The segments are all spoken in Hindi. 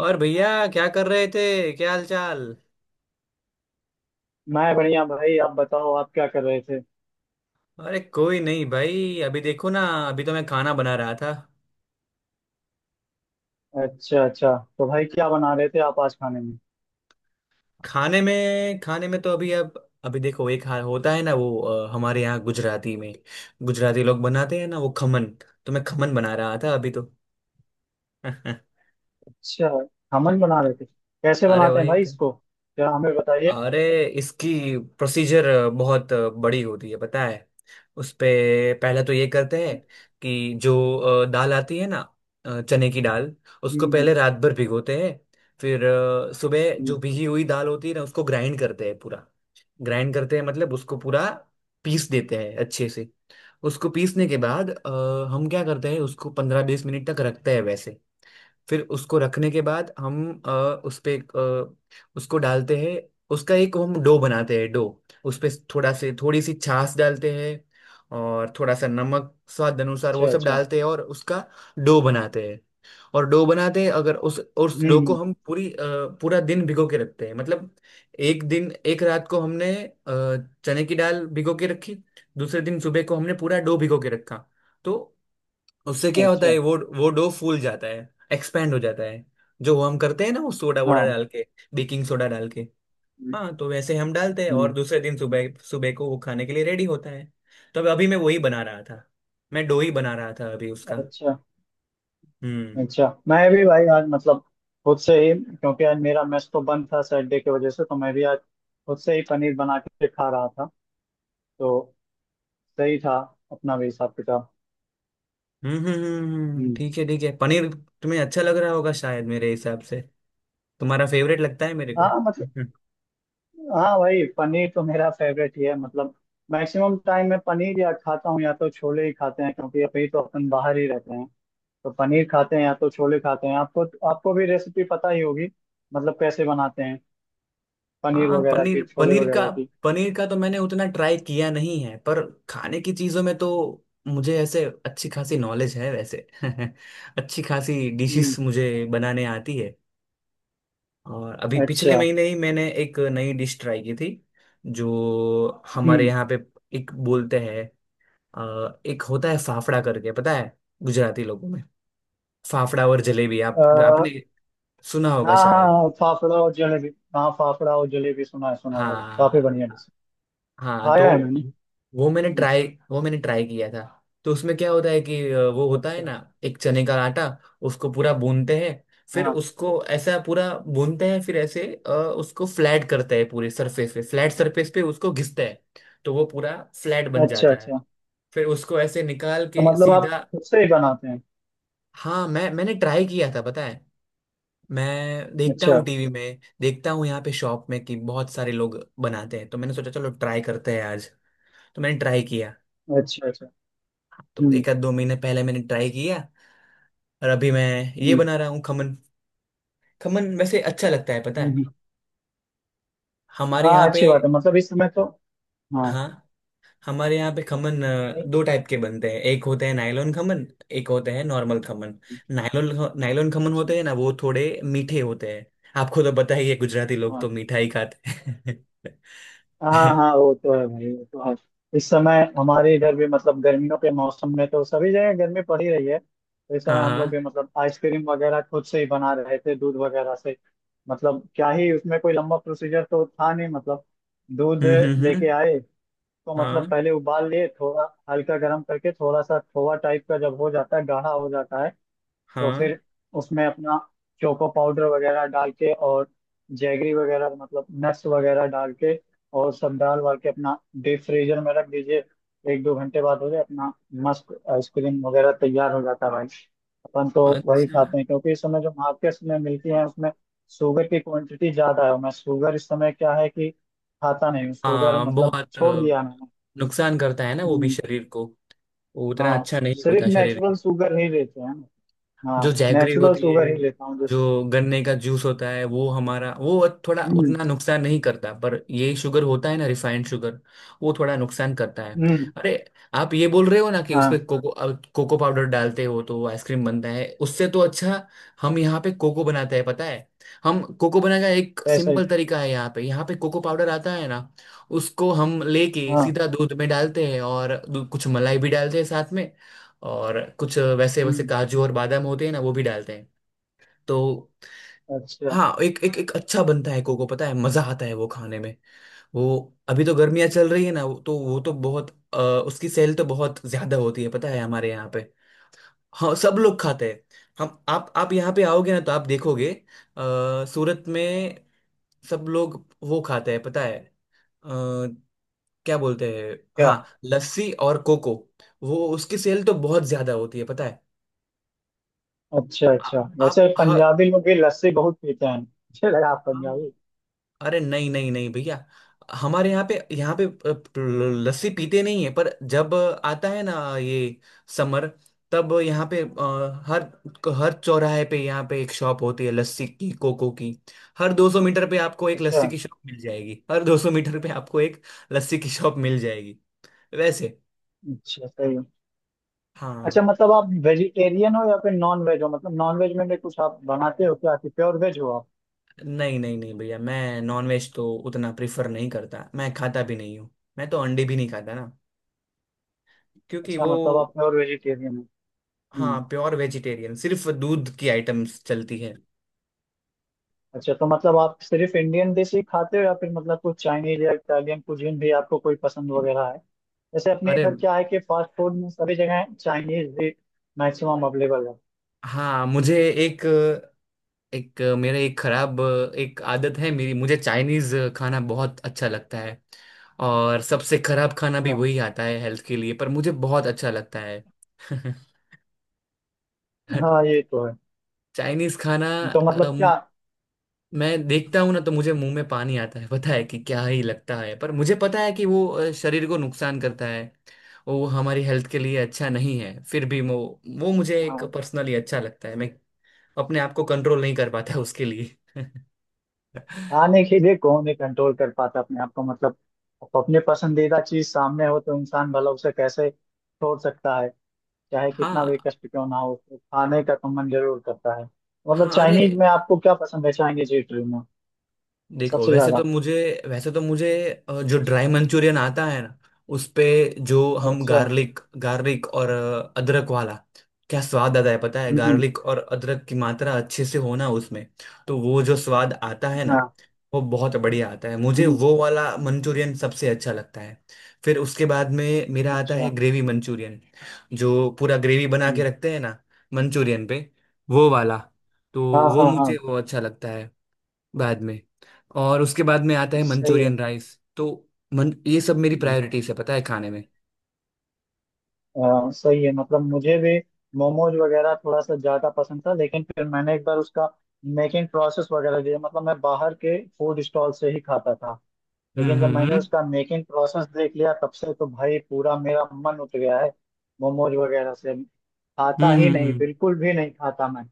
और भैया क्या कर रहे थे, क्या हाल चाल? मैं बढ़िया भाई। आप बताओ, आप क्या कर रहे थे? अरे कोई नहीं भाई, अभी देखो ना। अभी तो मैं खाना बना रहा था। अच्छा अच्छा, तो भाई क्या बना रहे थे आप आज खाने में? खाने में तो अभी देखो, एक होता है ना वो, हमारे यहाँ गुजराती में। गुजराती लोग बनाते हैं ना वो, खमन। तो मैं खमन बना रहा था अभी तो। अच्छा, खमन बना रहे थे। कैसे अरे बनाते हैं वही भाई तो। इसको, क्या हमें बताइए। अरे, इसकी प्रोसीजर बहुत बड़ी होती है, पता है? उस पे पहला तो ये करते हैं, अच्छा। कि जो दाल आती है ना, चने की दाल, उसको हम्म, हम्म, पहले रात भर भिगोते हैं। फिर सुबह हम्म, जो भिगी हुई दाल होती है ना, उसको ग्राइंड करते हैं पूरा। ग्राइंड करते हैं मतलब उसको पूरा पीस देते हैं अच्छे से। उसको पीसने के बाद हम क्या करते हैं, उसको 15-20 मिनट तक रखते हैं वैसे। फिर उसको रखने के बाद हम उस पे उसको डालते हैं। उसका एक हम डो बनाते हैं, डो। उस पे थोड़ा से थोड़ी सी छाछ डालते हैं। और थोड़ा सा नमक स्वाद अनुसार, वो अच्छा सब अच्छा। डालते हैं और उसका डो बनाते हैं। और डो बनाते हैं, अगर उस डो को हम्म, हम पूरा दिन भिगो के रखते हैं मतलब। एक दिन, एक रात को हमने चने की दाल भिगो के रखी। दूसरे दिन सुबह को हमने पूरा डो भिगो के रखा, तो उससे क्या होता अच्छा। है, वो डो फूल जाता है। एक्सपेंड हो जाता है। जो हम करते हैं ना वो, सोडा वोडा हाँ। डाल के, बेकिंग सोडा डाल के। हम्म, हाँ, तो वैसे हम डालते हैं और हम्म, दूसरे दिन सुबह सुबह को वो खाने के लिए रेडी होता है। तो अभी मैं वही बना रहा था। मैं डो ही बना रहा था अभी उसका। अच्छा हम्म, अच्छा। मैं भी भाई आज खुद से ही, क्योंकि आज मेरा मेस तो बंद था सैटरडे की वजह से, तो मैं भी आज खुद से ही पनीर बना के खा रहा था। तो सही था अपना भी हिसाब किताब। हम्म, हम्म, हम्म। ठीक है ठीक है, पनीर। तुम्हें अच्छा लग रहा होगा शायद, मेरे हिसाब से। तुम्हारा फेवरेट लगता है मेरे को। हाँ मतलब, हाँ भाई पनीर तो मेरा फेवरेट ही है। मैक्सिमम टाइम मैं पनीर या खाता हूँ या तो छोले ही खाते हैं, क्योंकि अभी तो अपन बाहर ही रहते हैं। तो पनीर खाते हैं या तो छोले खाते हैं। आपको, आपको भी रेसिपी पता ही होगी कैसे बनाते हैं पनीर हाँ, वगैरह पनीर की, छोले वगैरह की। पनीर का तो मैंने उतना ट्राई किया नहीं है, पर खाने की चीजों में तो मुझे ऐसे अच्छी खासी नॉलेज है वैसे। अच्छी खासी हम्म। डिशेस मुझे बनाने आती है। और अभी पिछले अच्छा। महीने ही मैंने एक नई डिश ट्राई की थी। जो हमारे हम्म। यहाँ पे एक बोलते हैं, एक होता है फाफड़ा करके, पता है, गुजराती लोगों में। फाफड़ा और जलेबी, आप अह, आपने सुना होगा हाँ शायद। हाँ, फाफड़ा और जलेबी। हाँ फाफड़ा और जलेबी, सुना है, सुना है भाई। काफी हाँ, बढ़िया डिश है। हाँ। तो खाया है मैंने। हम्म, वो मैंने ट्राई किया था। तो उसमें क्या होता है, कि वो होता है अच्छा। ना, एक चने का आटा। उसको पूरा भूनते हैं। फिर हाँ। उसको ऐसा पूरा भूनते हैं, फिर ऐसे उसको फ्लैट करते हैं, पूरे सरफेस पे, फ्लैट सरफेस पे उसको घिसते हैं। तो वो पूरा फ्लैट बन अच्छा जाता है। अच्छा, फिर उसको ऐसे निकाल तो के आप सीधा। खुद से ही बनाते हैं? हाँ, मैंने ट्राई किया था, पता है। मैं देखता अच्छा हूँ, टीवी में देखता हूँ, यहाँ पे शॉप में कि बहुत सारे लोग बनाते हैं, तो मैंने सोचा चलो ट्राई करते हैं आज। तो मैंने ट्राई किया। अच्छा। अच्छा। तो हम्म। एक आध दो महीने पहले मैंने ट्राई किया। और अभी मैं ये हम्म, बना रहा हूँ, खमन। खमन वैसे अच्छा लगता है, पता है, हम्म। हमारे यहाँ हाँ पे। अच्छी बात है, इस समय तो। हाँ। हाँ। हमारे यहाँ पे खमन नहीं, दो टाइप के बनते हैं, एक होते हैं नायलॉन खमन। एक होते हैं normal khaman. Nylon, nylon khaman अच्छा, होते हैं ना, वो थोड़े मीठे होते हैं। आपको तो पता ही है, गुजराती लोग हाँ तो मीठा ही खाते हैं। हाँ, हाँ वो तो है भाई, वो तो है। इस समय हमारे इधर भी गर्मियों के मौसम में तो सभी जगह गर्मी पड़ ही रही है, तो इस समय हाँ, हम लोग भी हाँ। आइसक्रीम वगैरह खुद से ही बना रहे थे दूध वगैरह से। क्या ही उसमें कोई लंबा प्रोसीजर तो था नहीं। दूध हम्म, हम्म, लेके आए, तो हाँ, पहले उबाल लिए थोड़ा, हल्का गर्म करके, थोड़ा सा खोआ टाइप का जब हो जाता है, गाढ़ा हो जाता है, तो हाँ, फिर उसमें अपना चोको पाउडर वगैरह डाल के, और जैगरी वगैरह नट्स वगैरह डाल के, और सब डाल वाल के अपना डीप फ्रीजर में रख दीजिए। एक दो घंटे बाद हो जाए अपना मस्त आइसक्रीम वगैरह तैयार हो जाता है भाई। अपन तो वही अच्छा। खाते हैं, क्योंकि इस समय जो मार्केट्स में मिलती है उसमें शुगर की क्वांटिटी ज्यादा है। और मैं शुगर इस समय, क्या है कि, खाता नहीं हूँ शुगर, हाँ, बहुत छोड़ दिया मैंने। नुकसान करता है ना वो भी हम्म, शरीर को। वो उतना हाँ, अच्छा नहीं सिर्फ होता शरीर नेचुरल के। शुगर ही लेते हैं ना। जो हाँ जैगरी नेचुरल होती है, शुगर ही लेता हूँ जैसे। जो गन्ने का जूस होता है, वो हमारा वो थोड़ा हम्म। उतना नुकसान नहीं करता, पर ये शुगर होता है ना, रिफाइंड शुगर। वो थोड़ा नुकसान करता है। हम्म, अरे, आप ये बोल रहे हो ना कि उस पे हाँ। कोको, अब कोको पाउडर डालते हो तो आइसक्रीम बनता है उससे, तो अच्छा। हम यहाँ पे कोको बनाते हैं, पता है। हम कोको बनाने का एक ऐसे ही, सिंपल तरीका है, यहाँ पे, यहाँ पे कोको पाउडर आता है ना। उसको हम लेके हाँ। सीधा दूध में डालते हैं, और कुछ मलाई भी डालते हैं साथ में। और कुछ वैसे वैसे हम्म। काजू और बादाम होते हैं ना, वो भी डालते हैं। तो अच्छा। हाँ, एक एक एक अच्छा बनता है कोको, पता है, मजा आता है वो खाने में। वो अभी तो गर्मियाँ चल रही है ना, तो वो तो बहुत अ, उसकी सेल तो बहुत ज्यादा होती है, पता है, हमारे यहाँ पे। हाँ, सब लोग खाते हैं हम। आप यहाँ पे आओगे ना तो आप देखोगे, सूरत में सब लोग वो खाते हैं, पता है। अ, क्या बोलते हैं? क्या? हाँ, लस्सी और कोको। वो उसकी सेल तो बहुत ज्यादा होती है, पता है। अच्छा आ- अच्छा, आप, वैसे हाँ, पंजाबी लोग भी लस्सी बहुत पीते हैं, मुझे लगा आप हाँ। पंजाबी। अरे नहीं नहीं नहीं भैया, हमारे यहाँ पे, लस्सी पीते नहीं है, पर जब आता है ना ये समर, तब यहाँ पे हर हर चौराहे पे यहाँ पे एक शॉप होती है, लस्सी की, कोको की। हर 200 मीटर पे आपको एक अच्छा लस्सी की शॉप मिल जाएगी, हर 200 मीटर पे आपको एक लस्सी की शॉप मिल जाएगी वैसे। अच्छा, सही है। अच्छा हाँ। आप वेजिटेरियन हो या फिर नॉन वेज हो, नॉन वेज में भी कुछ आप बनाते हो क्या, कि प्योर वेज हो आप? नहीं नहीं नहीं भैया, मैं नॉनवेज तो उतना प्रिफर नहीं करता, मैं खाता भी नहीं हूँ। मैं तो अंडे भी नहीं खाता ना, क्योंकि अच्छा वो। आप प्योर वेजिटेरियन हो? हाँ, हम्म। प्योर वेजिटेरियन, सिर्फ दूध की आइटम्स चलती है। अच्छा, तो आप सिर्फ इंडियन डिश ही खाते हो या फिर कुछ चाइनीज या इटालियन कुजीन भी आपको कोई पसंद वगैरह है? जैसे अपने अरे इधर क्या है कि फास्ट फूड में सभी जगह चाइनीज भी मैक्सिमम अवेलेबल है। हाँ, मुझे एक एक मेरे एक खराब एक आदत है मेरी, मुझे चाइनीज खाना बहुत अच्छा लगता है। और सबसे खराब खाना भी अच्छा। वही आता है हेल्थ के लिए, पर मुझे बहुत अच्छा लगता है। हाँ ये तो है। चाइनीज खाना तो क्या, मैं देखता हूँ ना, तो मुझे मुंह में पानी आता है, पता है, कि क्या ही लगता है। पर मुझे पता है कि वो शरीर को नुकसान करता है। वो हमारी हेल्थ के लिए अच्छा नहीं है, फिर भी वो मुझे एक हाँ, पर्सनली अच्छा लगता है। मैं अपने आप को कंट्रोल नहीं कर पाता उसके लिए। खाने के लिए कौन ही कंट्रोल कर पाता अपने आप को, अपने पसंदीदा चीज सामने हो तो इंसान भला उसे कैसे छोड़ सकता है। चाहे कितना हाँ, भी कष्ट क्यों ना हो तो खाने का तो मन जरूर करता है। हाँ। अरे चाइनीज में आपको क्या पसंद है, चाइनीज इटली में देखो, सबसे ज्यादा? वैसे तो मुझे जो ड्राई मंचूरियन आता है ना, उस पे जो हम अच्छा। गार्लिक गार्लिक और अदरक वाला, क्या स्वाद आता है, पता है, हम्म। गार्लिक और अदरक की मात्रा अच्छे से होना उसमें। तो वो जो स्वाद आता है ना, हाँ। वो बहुत बढ़िया आता है। मुझे हम्म। वो वाला मंचूरियन सबसे अच्छा लगता है। फिर उसके बाद में मेरा आता है अच्छा। ग्रेवी मंचूरियन, जो पूरा ग्रेवी बना हम्म, के रखते हैं ना मंचूरियन पे, वो वाला। तो हाँ वो हाँ हाँ, मुझे वो अच्छा लगता है बाद में। और उसके बाद में आता है सही मंचूरियन राइस। तो मन ये सब मेरी है। प्रायोरिटीज है, पता है, खाने में। सही है, मुझे भी मोमोज वगैरह थोड़ा सा ज्यादा पसंद था, लेकिन फिर मैंने एक बार उसका मेकिंग प्रोसेस वगैरह दिया। मैं बाहर के फूड स्टॉल से ही खाता था, हम्म, लेकिन जब हम्म, मैंने हम्म, उसका मेकिंग प्रोसेस देख लिया तब से तो भाई पूरा मेरा मन उठ गया है। मोमोज वगैरह से हम्म, खाता ही नहीं, बिल्कुल भी नहीं खाता मैं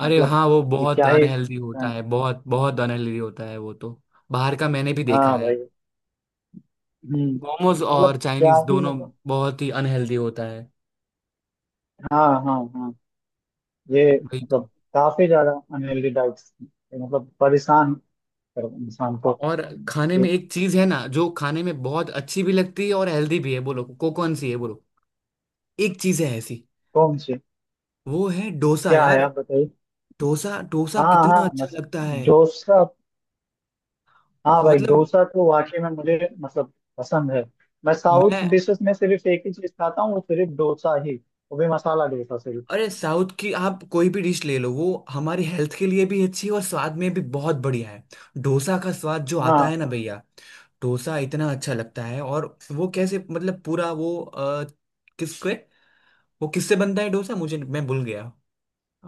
अरे मतलब हाँ, वो कि बहुत क्या ही। अनहेल्दी होता है, बहुत बहुत अनहेल्दी होता है वो तो। बाहर का मैंने भी देखा हाँ है, भाई। हम्म। मोमोज और क्या चाइनीज ही, दोनों बहुत ही अनहेल्दी होता है, हाँ हाँ हाँ, ये, वही मतलब तो। काफी ज्यादा अनहेल्दी डाइट, परेशान पर इंसान को। और खाने ये में एक चीज है ना जो खाने में बहुत अच्छी भी लगती है और हेल्दी भी है, बोलो को कौन सी है, बोलो। एक चीज है ऐसी, कौन सी? वो है डोसा क्या है, यार। आप बताइए। डोसा, डोसा हाँ हाँ कितना अच्छा मस, लगता है, डोसा। हाँ भाई मतलब डोसा तो वाकई में मुझे पसंद है। मैं साउथ मैं। डिशेस में सिर्फ एक ही चीज खाता हूँ, वो सिर्फ डोसा ही, वो भी मसाला डोसा सिर्फ। अरे साउथ की आप कोई भी डिश ले लो, वो हमारी हेल्थ के लिए भी अच्छी है और स्वाद में भी बहुत बढ़िया है। डोसा का स्वाद जो आता हाँ। है ना भैया, डोसा इतना अच्छा लगता है। और वो कैसे मतलब पूरा वो, किसके वो किससे बनता है डोसा, मुझे मैं भूल गया। अ,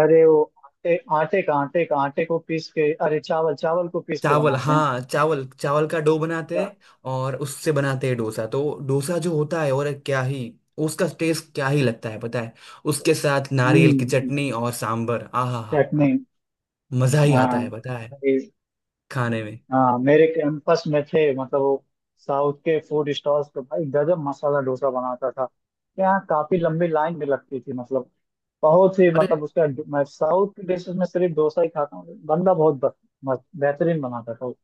अरे वो आटे आटे का आटे का आटे को पीस के, अरे चावल चावल को पीस के चावल, बनाते हैं। हाँ, चावल चावल का डो बनाते क्या-। हैं। और उससे बनाते हैं डोसा। तो डोसा जो होता है, और क्या ही उसका टेस्ट, क्या ही लगता है, पता है। उसके साथ नारियल की हम्म। चटनी और सांभर, आहा, चटनी। मजा ही आता है, हाँ पता है, खाने में। हाँ, मेरे कैंपस में थे वो साउथ के फूड स्टॉल्स, तो भाई गजब मसाला डोसा बनाता था। यहाँ काफी लंबी लाइन भी लगती थी बहुत ही अरे उसका। मैं साउथ की डिशेस में सिर्फ डोसा ही खाता हूँ। बंदा बहुत ब-, मस्त-, बेहतरीन बनाता था वो।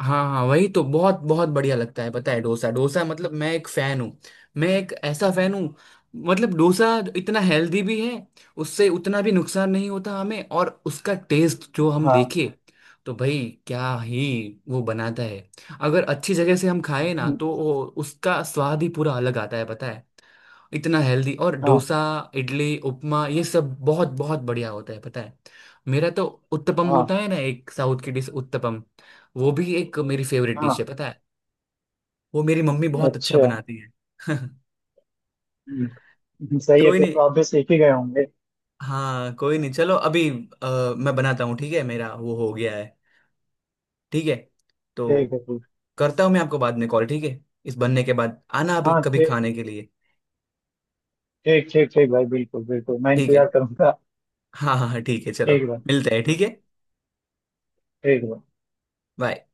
हाँ, हाँ, वही तो, बहुत बहुत बढ़िया लगता है, पता है। डोसा, डोसा मतलब मैं एक फैन हूँ। मैं एक ऐसा फैन हूँ। मतलब डोसा इतना हेल्दी भी है, उससे उतना भी नुकसान नहीं होता हमें, और उसका टेस्ट जो हम हाँ। देखे, तो भाई क्या ही वो बनाता है। अगर अच्छी जगह से हम खाए ना, हम्म, तो उसका स्वाद ही पूरा अलग आता है, पता है। इतना हेल्दी और हाँ डोसा, इडली, उपमा, ये सब बहुत बहुत बढ़िया होता है, पता है। मेरा तो उत्तपम होता हाँ है ना, एक साउथ की डिश, उत्तपम। वो भी एक मेरी फेवरेट डिश है, हाँ, पता है। वो मेरी मम्मी बहुत अच्छा अच्छा। बनाती है। सही है, कोई फिर नहीं, तो आप भी सीख ही गए होंगे। हाँ कोई नहीं, चलो अभी मैं बनाता हूँ। ठीक है, मेरा वो हो गया है। ठीक है। तो ठीक है, ठीक। करता हूँ मैं आपको बाद में कॉल, ठीक है। इस बनने के बाद आना अभी हाँ कभी ठीक, खाने के लिए। ठीक ठीक ठीक भाई, बिल्कुल बिल्कुल, मैं ठीक है। इंतजार करूंगा। हाँ, हाँ, हाँ, ठीक है, चलो ठीक है भाई। मिलते हैं। ठीक हाँ, है, ठीक है भाई। बाय।